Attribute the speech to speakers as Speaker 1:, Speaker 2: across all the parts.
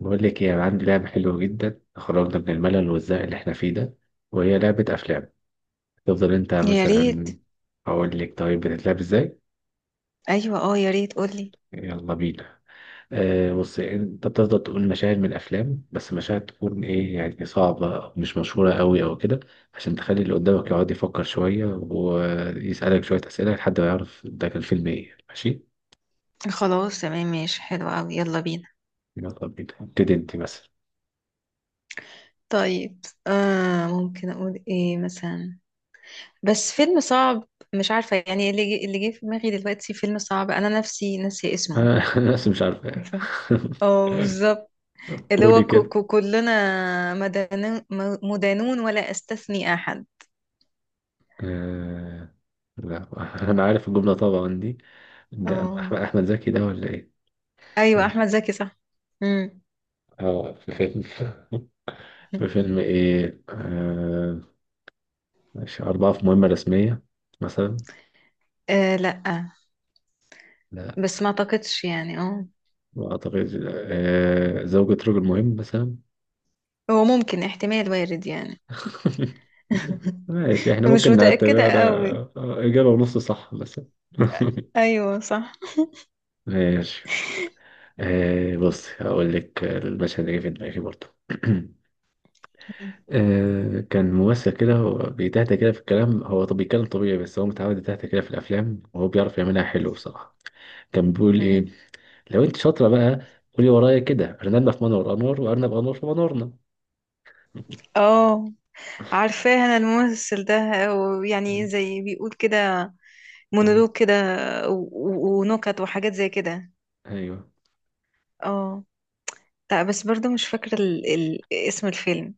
Speaker 1: بقول لك ايه، أنا عندي لعبة حلوة جدا، خرجنا من الملل والزهق اللي احنا فيه ده. وهي لعبة أفلام. تفضل انت
Speaker 2: يا ريت.
Speaker 1: مثلا. أقول لك طيب بتتلعب ازاي؟
Speaker 2: ايوه، اه يا ريت قولي.
Speaker 1: يلا بينا. بص، انت بتفضل تقول مشاهد من الأفلام، بس مشاهد تكون ايه يعني، صعبة أو مش مشهورة قوي أو كده، عشان تخلي اللي قدامك يقعد يفكر شوية ويسألك شوية أسئلة لحد ما يعرف ده كان فيلم ايه. ماشي،
Speaker 2: خلاص تمام ماشي حلو قوي يلا بينا.
Speaker 1: يلا بينا، ابتدي انت مثلا.
Speaker 2: طيب ممكن اقول ايه مثلا؟ بس فيلم صعب. مش عارفه يعني اللي جه في دماغي دلوقتي فيلم صعب انا نفسي ناسي اسمه.
Speaker 1: آه، بس مش عارفة.
Speaker 2: اه بالظبط. اللي هو
Speaker 1: قولي.
Speaker 2: كو كو كلنا مدانون ولا استثني احد.
Speaker 1: آه... لا. انا عارف الجمله طبعا دي. ده أما
Speaker 2: اه
Speaker 1: احمد أحمد زكي ده ولا ايه؟ مش
Speaker 2: ايوه
Speaker 1: عارف.
Speaker 2: احمد زكي صح. امم.
Speaker 1: اه، في فيلم، في فيلم ايه، مش اربعه في مهمه رسميه مثلا؟
Speaker 2: آه لا،
Speaker 1: لا،
Speaker 2: بس ما اعتقدش يعني اه.
Speaker 1: ما اعتقدش. زوجة رجل مهم مثلا؟
Speaker 2: هو ممكن احتمال وارد يعني.
Speaker 1: ماشي، احنا
Speaker 2: مش
Speaker 1: ممكن
Speaker 2: متأكدة
Speaker 1: نعتبرها
Speaker 2: قوي.
Speaker 1: اجابه ونص صح مثلا.
Speaker 2: ايوه صح.
Speaker 1: ماشي. بص، هقول لك المشهد اللي جه في دماغي برضه.
Speaker 2: مم.
Speaker 1: كان ممثل كده هو بيتهته كده في الكلام، هو طب بيتكلم طبيعي بس هو متعود يتهته كده في الافلام، وهو بيعرف يعملها حلو بصراحه. كان بيقول
Speaker 2: مم.
Speaker 1: ايه؟ لو انت شاطره بقى، قولي ورايا كده: ارنبنا في منور انور وارنب انور في منورنا.
Speaker 2: اه عارفاه انا الممثل ده، ويعني زي بيقول كده
Speaker 1: آه،
Speaker 2: مونولوج كده ونكت وحاجات زي كده.
Speaker 1: ايوه.
Speaker 2: اه. لا بس برضو مش فاكرة اسم الفيلم.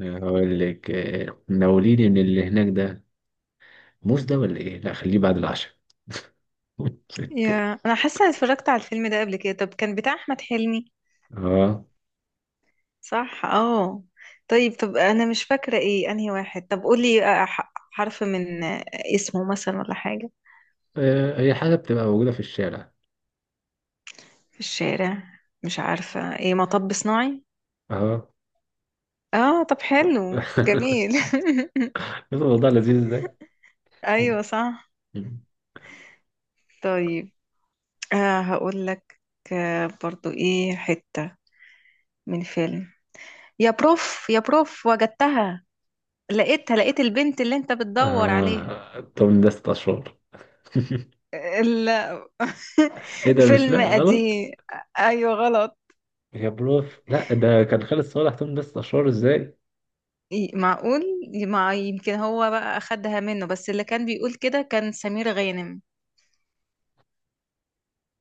Speaker 1: هقول لك، ناوليني من اللي هناك ده، موز ده ولا ايه؟ لا خليه بعد العشاء.
Speaker 2: يا انا حاسة إني اتفرجت على الفيلم ده قبل كده، طب كان بتاع احمد حلمي؟
Speaker 1: اه،
Speaker 2: صح اه. طيب طب انا مش فاكرة ايه انهي واحد، طب قولي حرف من اسمه مثلا ولا حاجة.
Speaker 1: هي حاجه بتبقى موجوده في الشارع.
Speaker 2: في الشارع. مش عارفة ايه، مطب صناعي؟
Speaker 1: اه.
Speaker 2: اه طب حلو جميل.
Speaker 1: الموضوع لذيذ. ازاي؟
Speaker 2: ايوه صح. طيب آه هقول لك، آه برضو ايه حتة من فيلم. يا بروف يا بروف وجدتها، لقيتها، لقيت البنت اللي انت بتدور عليها.
Speaker 1: توم ده ست أشهر.
Speaker 2: ال...
Speaker 1: إيه ده؟ مش،
Speaker 2: فيلم
Speaker 1: لا غلط.
Speaker 2: قديم. ايوه غلط.
Speaker 1: يا بروف، لا ده كان خالد صالح، توم ده ست أشهر إزاي؟
Speaker 2: إيه، معقول؟ مع يمكن هو بقى اخدها منه، بس اللي كان بيقول كده كان سمير غانم.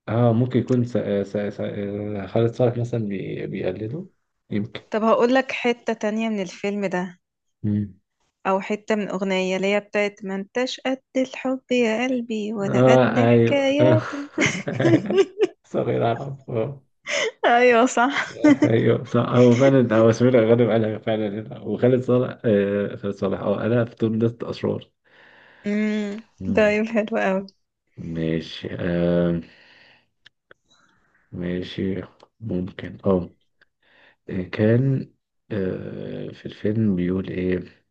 Speaker 1: آه ممكن يكون س... س... س... آه، خالد صالح مثلا بيقلده، يمكن.
Speaker 2: طب هقول لك حتة تانية من الفيلم ده،
Speaker 1: مم.
Speaker 2: او حتة من اغنية اللي هي بتاعت ما انتش قد الحب يا قلبي ولا
Speaker 1: آه
Speaker 2: قد
Speaker 1: أيوه آه.
Speaker 2: حكاياته.
Speaker 1: صغير أعرف آه.
Speaker 2: ايوه صح.
Speaker 1: ايوه صح، هو فعلا هو سمير غانم قالها فعلا هنا، وخالد صالح، آه خالد صالح اه قالها في توم ده اشرار.
Speaker 2: امم.
Speaker 1: مم.
Speaker 2: طيب حلو قوي.
Speaker 1: ماشي. آه ماشي. ممكن اه. آه، كان آه، في الفيلم بيقول ايه؟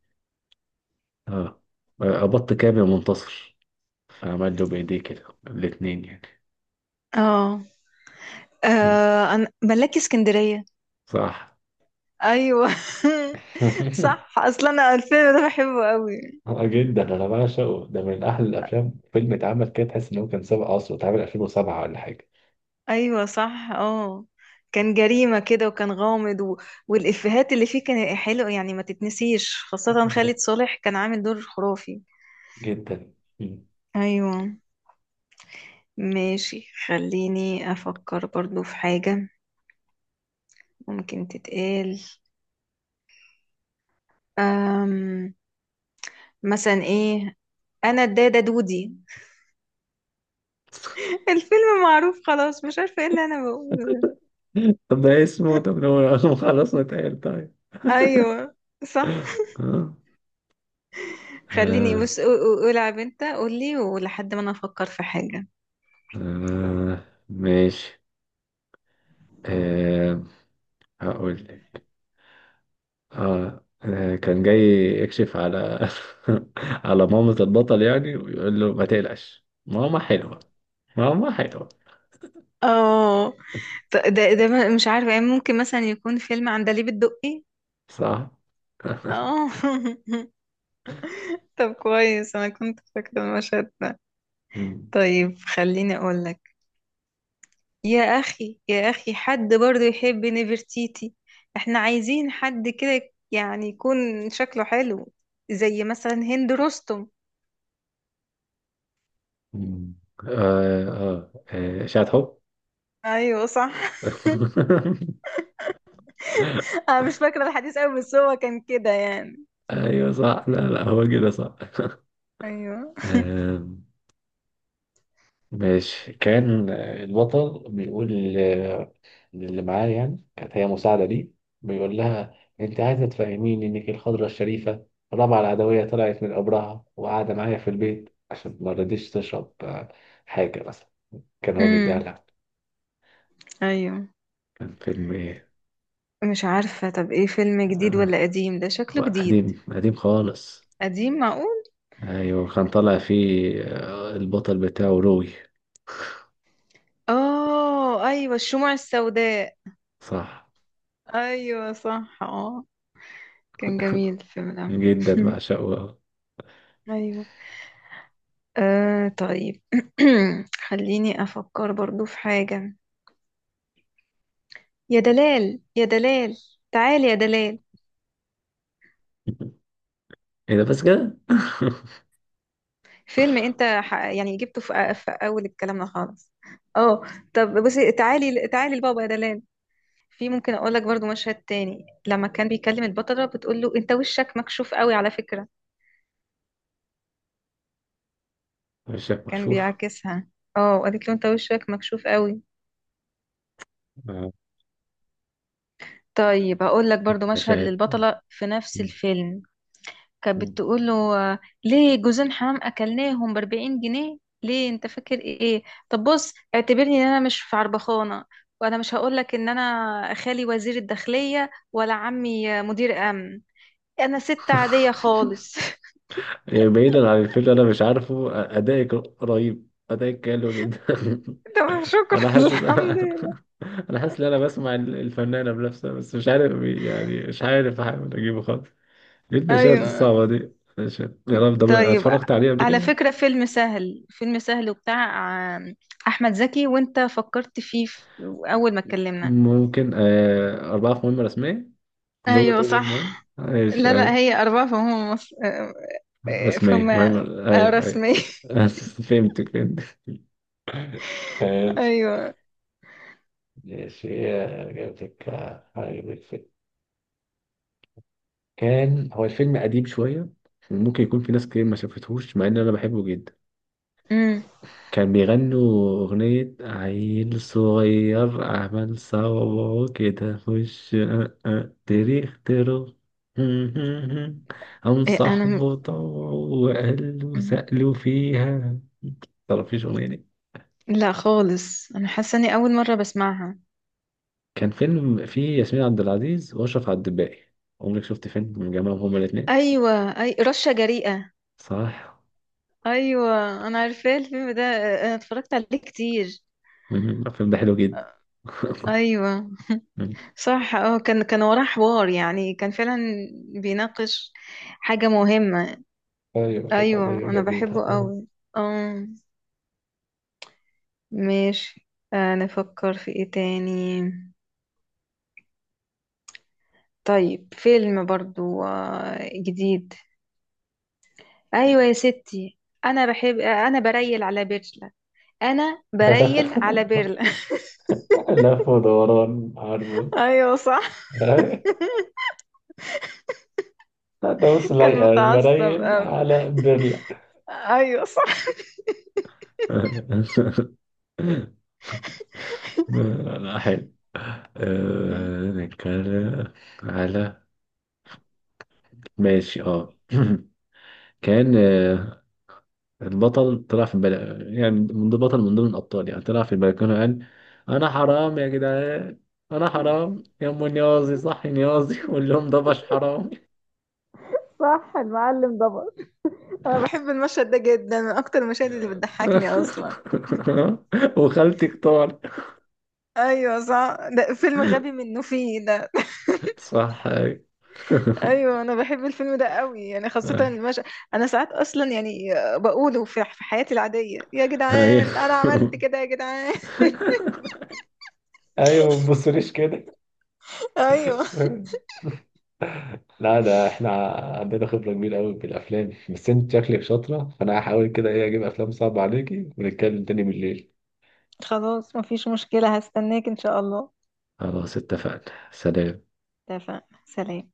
Speaker 1: اه، ابط كام يا منتصر، فعمل له بايديه كده الاتنين يعني.
Speaker 2: اه
Speaker 1: مم.
Speaker 2: انا ملاكي اسكندرية.
Speaker 1: صح.
Speaker 2: ايوه. صح اصلا انا الفيلم ده بحبه قوي.
Speaker 1: جدا انا بعشقه، ده من احلى الافلام. فيلم اتعمل كده تحس ان هو كان سابق عصره، اتعمل 2007 ولا حاجه.
Speaker 2: ايوه صح اه. كان جريمة كده وكان غامض والإفيهات اللي فيه كان حلو، يعني ما تتنسيش، خاصة خالد صالح كان عامل دور خرافي.
Speaker 1: جدا. مم.
Speaker 2: ايوه. ماشي، خليني افكر برضو في حاجة ممكن تتقال. أم... مثلا ايه؟ انا الدادة دودي. الفيلم معروف خلاص، مش عارفة ايه اللي انا بقوله ده.
Speaker 1: طب ده اسمه، طب لو لو خلصنا اتقال، طيب.
Speaker 2: ايوه صح.
Speaker 1: اه.
Speaker 2: خليني
Speaker 1: اه.
Speaker 2: بص قول على بنت، قول لي ولحد ما انا افكر في حاجة.
Speaker 1: آه، ماشي. آه، هقول لك. اه، كان جاي يكشف على، على مامة البطل يعني، ويقول له ما تقلقش ماما حلوة، ماما حلوة.
Speaker 2: اه ده مش عارفة يعني، ممكن مثلا يكون فيلم عندليب الدقي.
Speaker 1: صح.
Speaker 2: اه طب كويس انا كنت فاكرة المشهد ده.
Speaker 1: مم.
Speaker 2: طيب خليني اقول لك. يا أخي يا أخي حد برضو يحب نفرتيتي؟ احنا عايزين حد كده يعني يكون شكله حلو، زي مثلا هند رستم.
Speaker 1: مم. إشاعة حب.
Speaker 2: ايوه صح. انا مش فاكره الحديث قوي، بس هو كان كده يعني.
Speaker 1: أيوة صح، لا لا هو كده صح.
Speaker 2: ايوه.
Speaker 1: آه ماشي. كان البطل بيقول، اللي معاه يعني كانت هي مساعدة ليه، بيقول لها: انت عايزة تفهميني انك الخضرة الشريفة، رابعة العدوية طلعت من قبرها وقاعدة معايا في البيت عشان ما رضيتش تشرب حاجة مثلا، كان هو بيديها
Speaker 2: امم.
Speaker 1: لها.
Speaker 2: ايوه.
Speaker 1: كان فيلم ايه؟
Speaker 2: مش عارفة، طب ايه، فيلم جديد
Speaker 1: آه،
Speaker 2: ولا قديم؟ ده
Speaker 1: هو
Speaker 2: شكله جديد.
Speaker 1: قديم قديم خالص.
Speaker 2: قديم؟ معقول.
Speaker 1: ايوه كان طالع فيه البطل بتاعه روي.
Speaker 2: اه ايوه الشموع السوداء.
Speaker 1: صح.
Speaker 2: ايوه صح اه. كان جميل الفيلم ده.
Speaker 1: جدا بعشقه.
Speaker 2: ايوه. آه طيب خليني أفكر برضو في حاجة. يا دلال يا دلال، تعال يا دلال.
Speaker 1: ايه ده بس كده!
Speaker 2: فيلم أنت يعني جبته في أول كلامنا خالص. اه. طب بصي تعالي تعالي لبابا يا دلال. في ممكن أقول لك برضو مشهد تاني، لما كان بيكلم البطلة بتقول له أنت وشك مكشوف قوي على فكرة.
Speaker 1: مش
Speaker 2: كان
Speaker 1: مكشوف.
Speaker 2: بيعاكسها. اه قالت له أنت وشك مكشوف قوي.
Speaker 1: آه،
Speaker 2: طيب هقول لك برضو مشهد
Speaker 1: مشاهد.
Speaker 2: للبطلة في نفس الفيلم. كانت بتقول له آه، ليه جوزين حمام اكلناهم ب 40 جنيه؟ ليه انت فاكر ايه؟ طب بص اعتبرني ان انا مش في عربخانه، وانا مش هقول لك ان انا خالي وزير الداخليه ولا عمي مدير امن. انا ست عاديه خالص.
Speaker 1: يعني بعيدا عن الفيلم، انا مش عارفه، ادائك رهيب، ادائك حلو جدا.
Speaker 2: تمام شكرا.
Speaker 1: انا حاسس،
Speaker 2: الحمد لله.
Speaker 1: انا حاسس ان انا بسمع الفنانه بنفسها، بس مش عارف يعني، مش عارف احاول اجيبه خالص. ليه المشاهد
Speaker 2: ايوه.
Speaker 1: الصعبه دي؟ ماشي. يا رب، ده بقى
Speaker 2: طيب
Speaker 1: اتفرجت عليه قبل
Speaker 2: على
Speaker 1: كده.
Speaker 2: فكره فيلم سهل، فيلم سهل وبتاع آه، احمد زكي، وانت فكرت فيه اول ما اتكلمنا.
Speaker 1: ممكن آه أربعة في مهمة رسمية، زوجة
Speaker 2: ايوه
Speaker 1: رجل
Speaker 2: صح.
Speaker 1: مهم، ماشي
Speaker 2: لا لا
Speaker 1: أيوة.
Speaker 2: هي أربعة فهم مصر. إيه،
Speaker 1: رسمية
Speaker 2: فما
Speaker 1: مهمة. أيوة أيوة.
Speaker 2: رسمي.
Speaker 1: فهمتك فهمتك. ماشي.
Speaker 2: ايوه.
Speaker 1: ماشي، جبتك، عجبك. كان هو الفيلم قديم شوية، ممكن يكون في ناس كتير ما شافتهوش، مع ان انا بحبه جدا.
Speaker 2: امم.
Speaker 1: كان بيغنوا اغنية: عيل صغير عمل صوابعه كده خش أه أه تاريخ ترو، هم
Speaker 2: إيه انا
Speaker 1: صاحبه طوعه وقلبه
Speaker 2: مم.
Speaker 1: سألوا فيها. متعرفيش الأغنية دي؟
Speaker 2: لا خالص انا حاسه اني اول مره بسمعها.
Speaker 1: كان فيلم فيه ياسمين عبد العزيز وأشرف عبد الباقي، عمرك شفت فيلم من جمعهم هما الاتنين؟
Speaker 2: ايوه اي رشه جريئه.
Speaker 1: صح.
Speaker 2: ايوه انا عارفاه الفيلم ده، انا اتفرجت عليه كتير.
Speaker 1: مم. الفيلم ده حلو جدا.
Speaker 2: ايوه صح اه. كان وراه حوار، يعني كان فعلا بيناقش حاجه مهمه.
Speaker 1: ايوه كانت
Speaker 2: ايوه
Speaker 1: قضية
Speaker 2: انا
Speaker 1: جديدة.
Speaker 2: بحبه قوي. اه ماشي. نفكر في ايه تاني؟ طيب فيلم برضو جديد. ايوه يا ستي. انا بحب انا بريل على بيرلا. انا بريل على بيرلا.
Speaker 1: لف ودوران، عارفه.
Speaker 2: ايوه صح.
Speaker 1: انت بص
Speaker 2: كان
Speaker 1: لايقة
Speaker 2: متعصب
Speaker 1: المرايل
Speaker 2: قوي.
Speaker 1: على برلة.
Speaker 2: ايوه صح.
Speaker 1: لا حلو.
Speaker 2: مم.
Speaker 1: أه نتكلم على. ماشي اه. كان، آه، البطل طلع في البل... يعني من ضمن بطل، من ضمن الأبطال يعني، طلع في البلكونة قال: أنا حرام يا جدعان، أنا حرام يا أم نيازي، صحي نيازي قول لهم ده مش حرام.
Speaker 2: صح المعلم ضبط. انا بحب المشهد ده جدا، من اكتر المشاهد اللي بتضحكني اصلا.
Speaker 1: وخالتي اختار.
Speaker 2: ايوه صح ده فيلم غبي منه فيه ده.
Speaker 1: صح ايوه.
Speaker 2: ايوه انا بحب الفيلم ده قوي يعني، خاصه المشهد. انا ساعات اصلا يعني بقوله في حياتي العاديه، يا
Speaker 1: ايوه.
Speaker 2: جدعان انا عملت كده يا جدعان.
Speaker 1: ايوه ما تبصليش كده.
Speaker 2: ايوه.
Speaker 1: لا ده احنا عندنا خبرة كبيرة قوي بالافلام، بس انت شكلك شاطرة، فانا هحاول كده ايه، اجيب افلام صعبة عليكي ونتكلم تاني بالليل.
Speaker 2: خلاص مفيش مشكلة، هستناك إن شاء الله.
Speaker 1: خلاص اتفقنا، سلام.
Speaker 2: اتفقنا، سلام.